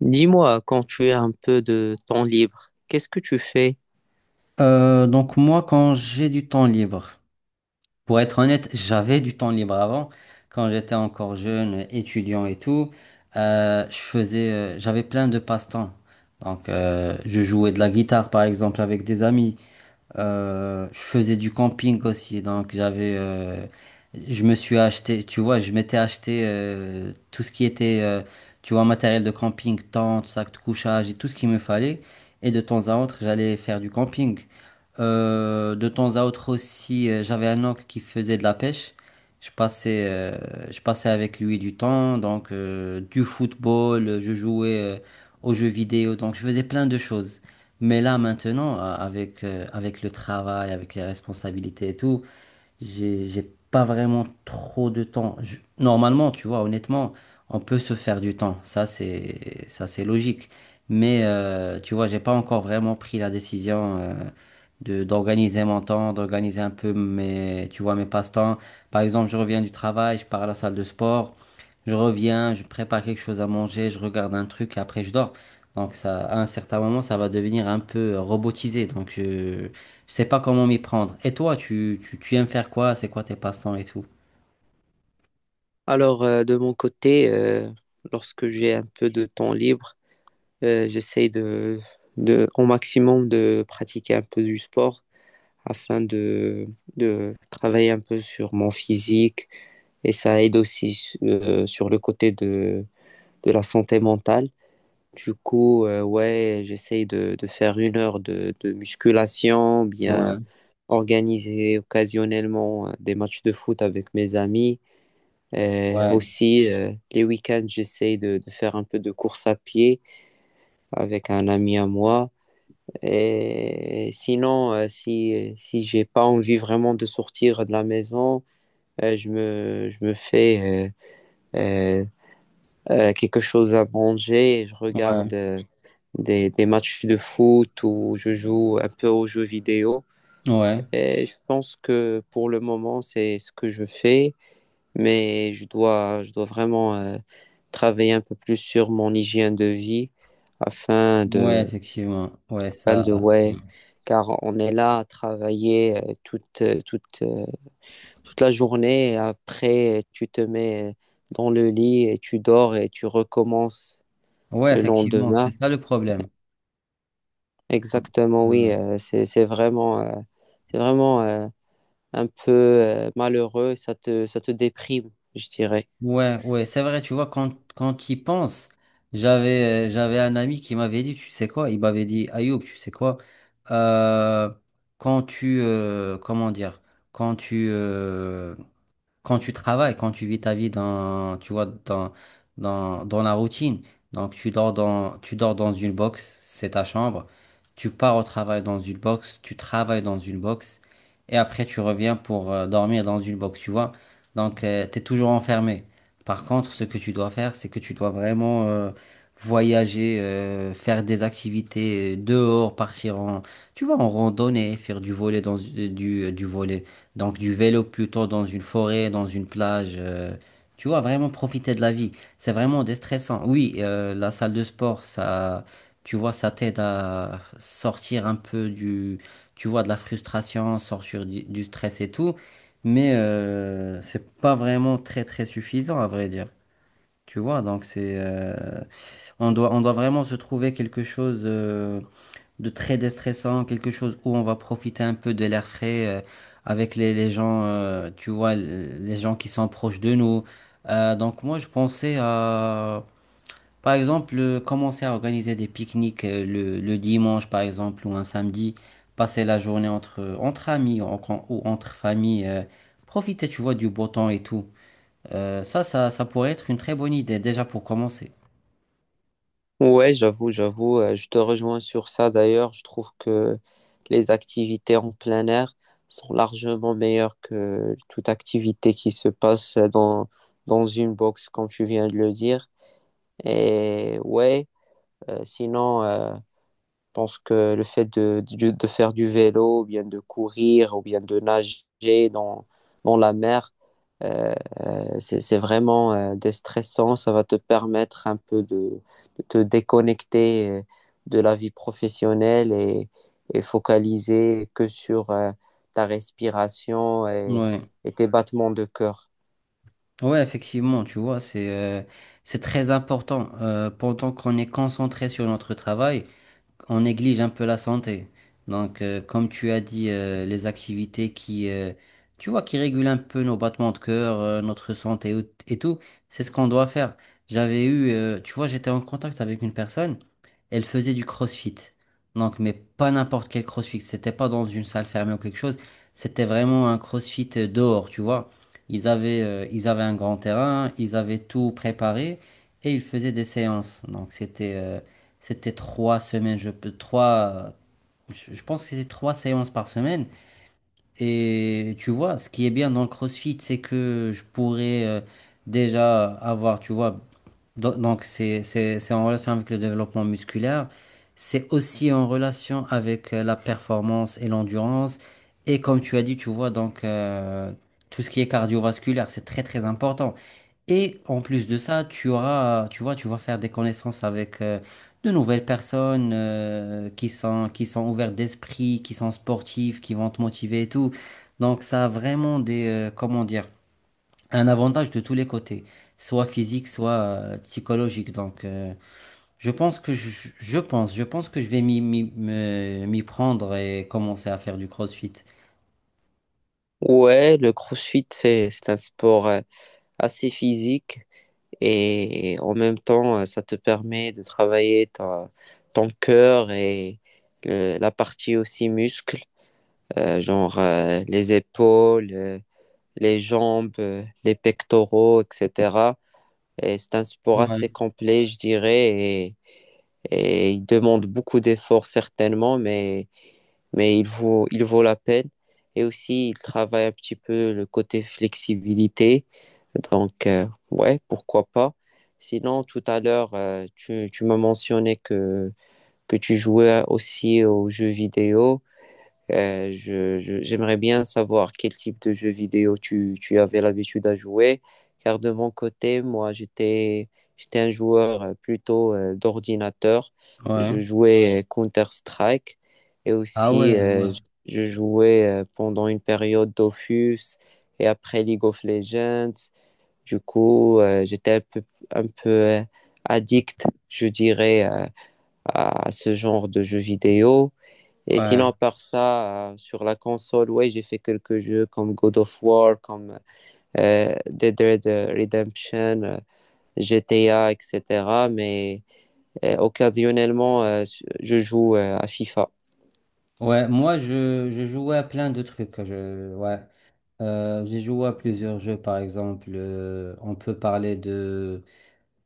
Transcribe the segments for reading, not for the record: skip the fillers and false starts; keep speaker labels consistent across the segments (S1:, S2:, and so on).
S1: Dis-moi, quand tu as un peu de temps libre, qu'est-ce que tu fais?
S2: Donc moi, quand j'ai du temps libre, pour être honnête, j'avais du temps libre avant, quand j'étais encore jeune, étudiant et tout, j'avais plein de passe-temps. Donc je jouais de la guitare par exemple avec des amis, je faisais du camping aussi, donc j'avais, je m'étais acheté, tout ce qui était, tu vois, matériel de camping, tente, sac de couchage et tout ce qu'il me fallait. Et de temps à autre, j'allais faire du camping. De temps à autre aussi, j'avais un oncle qui faisait de la pêche. Je passais, euh, je passais avec lui du temps, donc du football, je jouais aux jeux vidéo, donc je faisais plein de choses. Mais là, maintenant, avec le travail, avec les responsabilités et tout, j'ai pas vraiment trop de temps. Normalement, tu vois, honnêtement, on peut se faire du temps. Ça, c'est logique. Mais, tu vois, j'ai pas encore vraiment pris la décision, de d'organiser mon temps, d'organiser un peu mes passe-temps. Par exemple, je reviens du travail, je pars à la salle de sport, je reviens, je prépare quelque chose à manger, je regarde un truc et après je dors. Donc ça, à un certain moment, ça va devenir un peu robotisé. Donc je sais pas comment m'y prendre. Et toi, tu aimes faire quoi? C'est quoi tes passe-temps et tout?
S1: Alors, de mon côté, lorsque j'ai un peu de temps libre, j'essaie au maximum de pratiquer un peu du sport afin de travailler un peu sur mon physique et ça aide aussi sur le côté de la santé mentale. Du coup, ouais, j'essaie de faire une heure de musculation, bien
S2: Ouais,
S1: organiser occasionnellement des matchs de foot avec mes amis. Euh,
S2: ouais,
S1: aussi, euh, les week-ends, j'essaie de faire un peu de course à pied avec un ami à moi. Et sinon, si j'ai pas envie vraiment de sortir de la maison, je me fais euh, euh, quelque chose à manger et je regarde
S2: ouais,
S1: des matchs de foot ou je joue un peu aux jeux vidéo.
S2: ouais,
S1: Et je pense que pour le moment, c'est ce que je fais. Mais je dois vraiment travailler un peu plus sur mon hygiène de vie afin
S2: ouais,
S1: de,
S2: effectivement. Ouais, ça.
S1: ouais, car on est là à travailler toute la journée et après tu te mets dans le lit et tu dors et tu recommences
S2: Ouais,
S1: le
S2: effectivement, c'est
S1: lendemain.
S2: ça le problème.
S1: Exactement, oui,
S2: Ouais.
S1: c'est vraiment, c'est vraiment euh, un peu malheureux, ça te déprime, je dirais.
S2: Ouais, ouais, c'est vrai, tu vois, quand tu y penses, j'avais un ami qui m'avait dit, tu sais quoi, il m'avait dit, Ayoub, tu sais quoi, euh, quand tu, euh, comment dire, quand tu, euh, quand tu travailles, quand tu vis ta vie dans, tu vois, dans, la routine. Donc tu dors dans une box, c'est ta chambre. Tu pars au travail dans une box, tu travailles dans une box, et après tu reviens pour dormir dans une box, tu vois. Donc tu es toujours enfermé. Par contre, ce que tu dois faire, c'est que tu dois vraiment voyager, faire des activités dehors, partir en, tu vois, en randonnée, faire du volet dans du volley, donc du vélo plutôt, dans une forêt, dans une plage. Tu vois, vraiment profiter de la vie. C'est vraiment déstressant. Oui, la salle de sport, ça, tu vois, ça t'aide à sortir un peu du, tu vois, de la frustration, sortir du stress et tout. Mais c'est pas vraiment très très suffisant à vrai dire. Tu vois, donc on doit vraiment se trouver quelque chose, de très déstressant, quelque chose où on va profiter un peu de l'air frais, avec les gens, tu vois, les gens qui sont proches de nous. Donc moi, je pensais à, par exemple, commencer à organiser des pique-niques, le dimanche, par exemple, ou un samedi, passer la journée entre amis, ou entre familles, profiter, tu vois, du beau temps et tout. Ça pourrait être une très bonne idée, déjà pour commencer.
S1: Ouais, j'avoue, je te rejoins sur ça d'ailleurs. Je trouve que les activités en plein air sont largement meilleures que toute activité qui se passe dans une box, comme tu viens de le dire. Et ouais, sinon, pense que le fait de faire du vélo, ou bien de courir, ou bien de nager dans la mer, euh, c'est vraiment déstressant. Ça va te permettre un peu de te déconnecter de la vie professionnelle et focaliser que sur ta respiration
S2: Ouais.
S1: et tes battements de cœur.
S2: Ouais, effectivement, tu vois, c'est très important. Pendant qu'on est concentré sur notre travail, on néglige un peu la santé. Donc, comme tu as dit, les activités tu vois, qui régulent un peu nos battements de cœur, notre santé et tout, c'est ce qu'on doit faire. Tu vois, j'étais en contact avec une personne, elle faisait du CrossFit. Donc, mais pas n'importe quel CrossFit. C'était pas dans une salle fermée ou quelque chose. C'était vraiment un CrossFit, dehors, tu vois. Ils avaient un grand terrain, ils avaient tout préparé et ils faisaient des séances. Donc, c'était 3 semaines, je pense que c'était 3 séances par semaine. Et tu vois, ce qui est bien dans le CrossFit, c'est que je pourrais déjà avoir, tu vois. Donc, c'est en relation avec le développement musculaire, c'est aussi en relation avec la performance et l'endurance. Et comme tu as dit, tu vois, donc, tout ce qui est cardiovasculaire, c'est très, très important. Et en plus de ça, tu auras, tu vois, tu vas faire des connaissances avec de nouvelles personnes, qui sont ouvertes d'esprit, qui sont sportives, qui vont te motiver et tout. Donc, ça a vraiment un avantage de tous les côtés, soit physique, soit psychologique. Donc, je pense que je vais m'y prendre et commencer à faire du CrossFit.
S1: Ouais, le CrossFit, c'est un sport assez physique. Et en même temps, ça te permet de travailler ton cœur et la partie aussi muscle, genre les épaules, les jambes, les pectoraux, etc. Et c'est un sport assez
S2: Ouais,
S1: complet, je dirais, et il demande beaucoup d'efforts certainement, mais il vaut la peine. Et aussi, il travaille un petit peu le côté flexibilité. Donc, ouais, pourquoi pas. Sinon, tout à l'heure, tu m'as mentionné que tu jouais aussi aux jeux vidéo. J'aimerais bien savoir quel type de jeu vidéo tu avais l'habitude à jouer, car de mon côté, moi, j'étais un joueur plutôt d'ordinateur. Je
S2: ouais.
S1: jouais Counter-Strike et
S2: Ah
S1: aussi
S2: ouais, ouais,
S1: je jouais pendant une période Dofus et après League of Legends. Du coup, j'étais un peu addict, je dirais, à ce genre de jeux vidéo. Et
S2: ouais.
S1: sinon, par ça, sur la console, ouais, j'ai fait quelques jeux comme God of War, comme Dead Red Redemption, GTA, etc. Mais occasionnellement, je joue à FIFA.
S2: Ouais, moi je jouais à plein de trucs. Ouais. J'ai joué à plusieurs jeux, par exemple. On peut parler de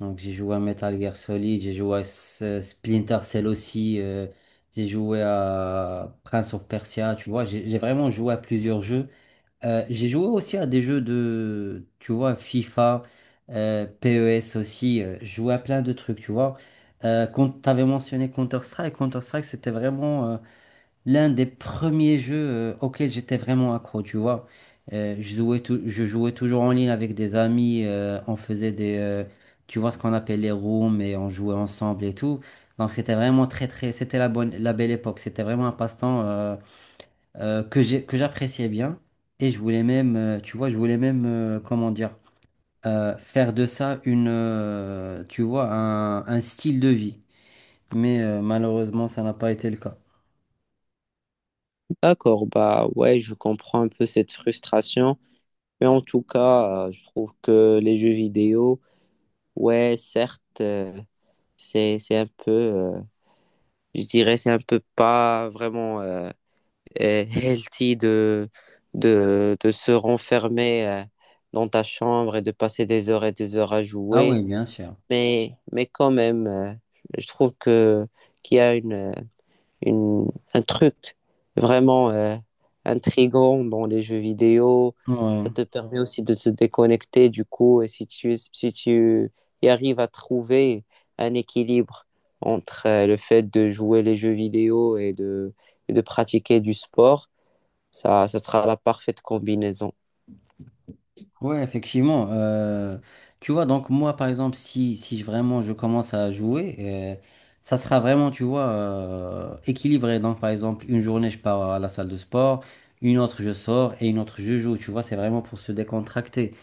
S2: Donc j'ai joué à Metal Gear Solid, j'ai joué à Splinter Cell aussi, j'ai joué à Prince of Persia, tu vois, j'ai vraiment joué à plusieurs jeux. J'ai joué aussi à des jeux de, tu vois, FIFA, PES aussi, j'ai joué à plein de trucs, tu vois. Quand tu avais mentionné Counter-Strike, Counter-Strike c'était vraiment l'un des premiers jeux auxquels j'étais vraiment accro, tu vois. Je jouais toujours en ligne avec des amis, on faisait tu vois, ce qu'on appelle les rooms et on jouait ensemble et tout. Donc c'était vraiment très très, c'était la belle époque. C'était vraiment un passe-temps, que j'appréciais bien, et je voulais même, faire de ça une, tu vois, un style de vie. Mais malheureusement, ça n'a pas été le cas.
S1: D'accord, bah ouais, je comprends un peu cette frustration. Mais en tout cas, je trouve que les jeux vidéo, ouais, certes, c'est un peu, je dirais, c'est un peu pas vraiment healthy de se renfermer dans ta chambre et de passer des heures et des heures à
S2: Ah
S1: jouer.
S2: oui, bien sûr.
S1: Mais, quand même, je trouve qu'il y a une, un truc vraiment intrigant dans les jeux vidéo. Ça
S2: Ouais.
S1: te permet aussi de te déconnecter du coup. Et si si tu y arrives à trouver un équilibre entre le fait de jouer les jeux vidéo et de pratiquer du sport, ça sera la parfaite combinaison.
S2: Ouais, effectivement. Tu vois, donc moi, par exemple, si, si je- vraiment je commence à jouer, ça sera vraiment, tu vois, équilibré. Donc, par exemple, une journée, je pars à la salle de sport, une autre, je sors et une autre, je joue. Tu vois, c'est vraiment pour se décontracter.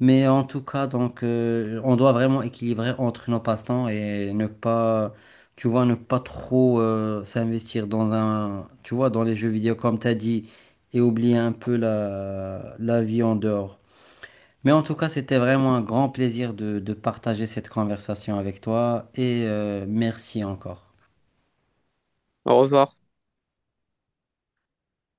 S2: Mais en tout cas, donc, on doit vraiment équilibrer entre nos passe-temps et ne pas, tu vois, ne pas trop s'investir dans un, tu vois, dans les jeux vidéo, comme tu as dit, et oublier un peu la vie en dehors. Mais en tout cas, c'était vraiment un grand plaisir de partager cette conversation avec toi et merci encore.
S1: Au revoir.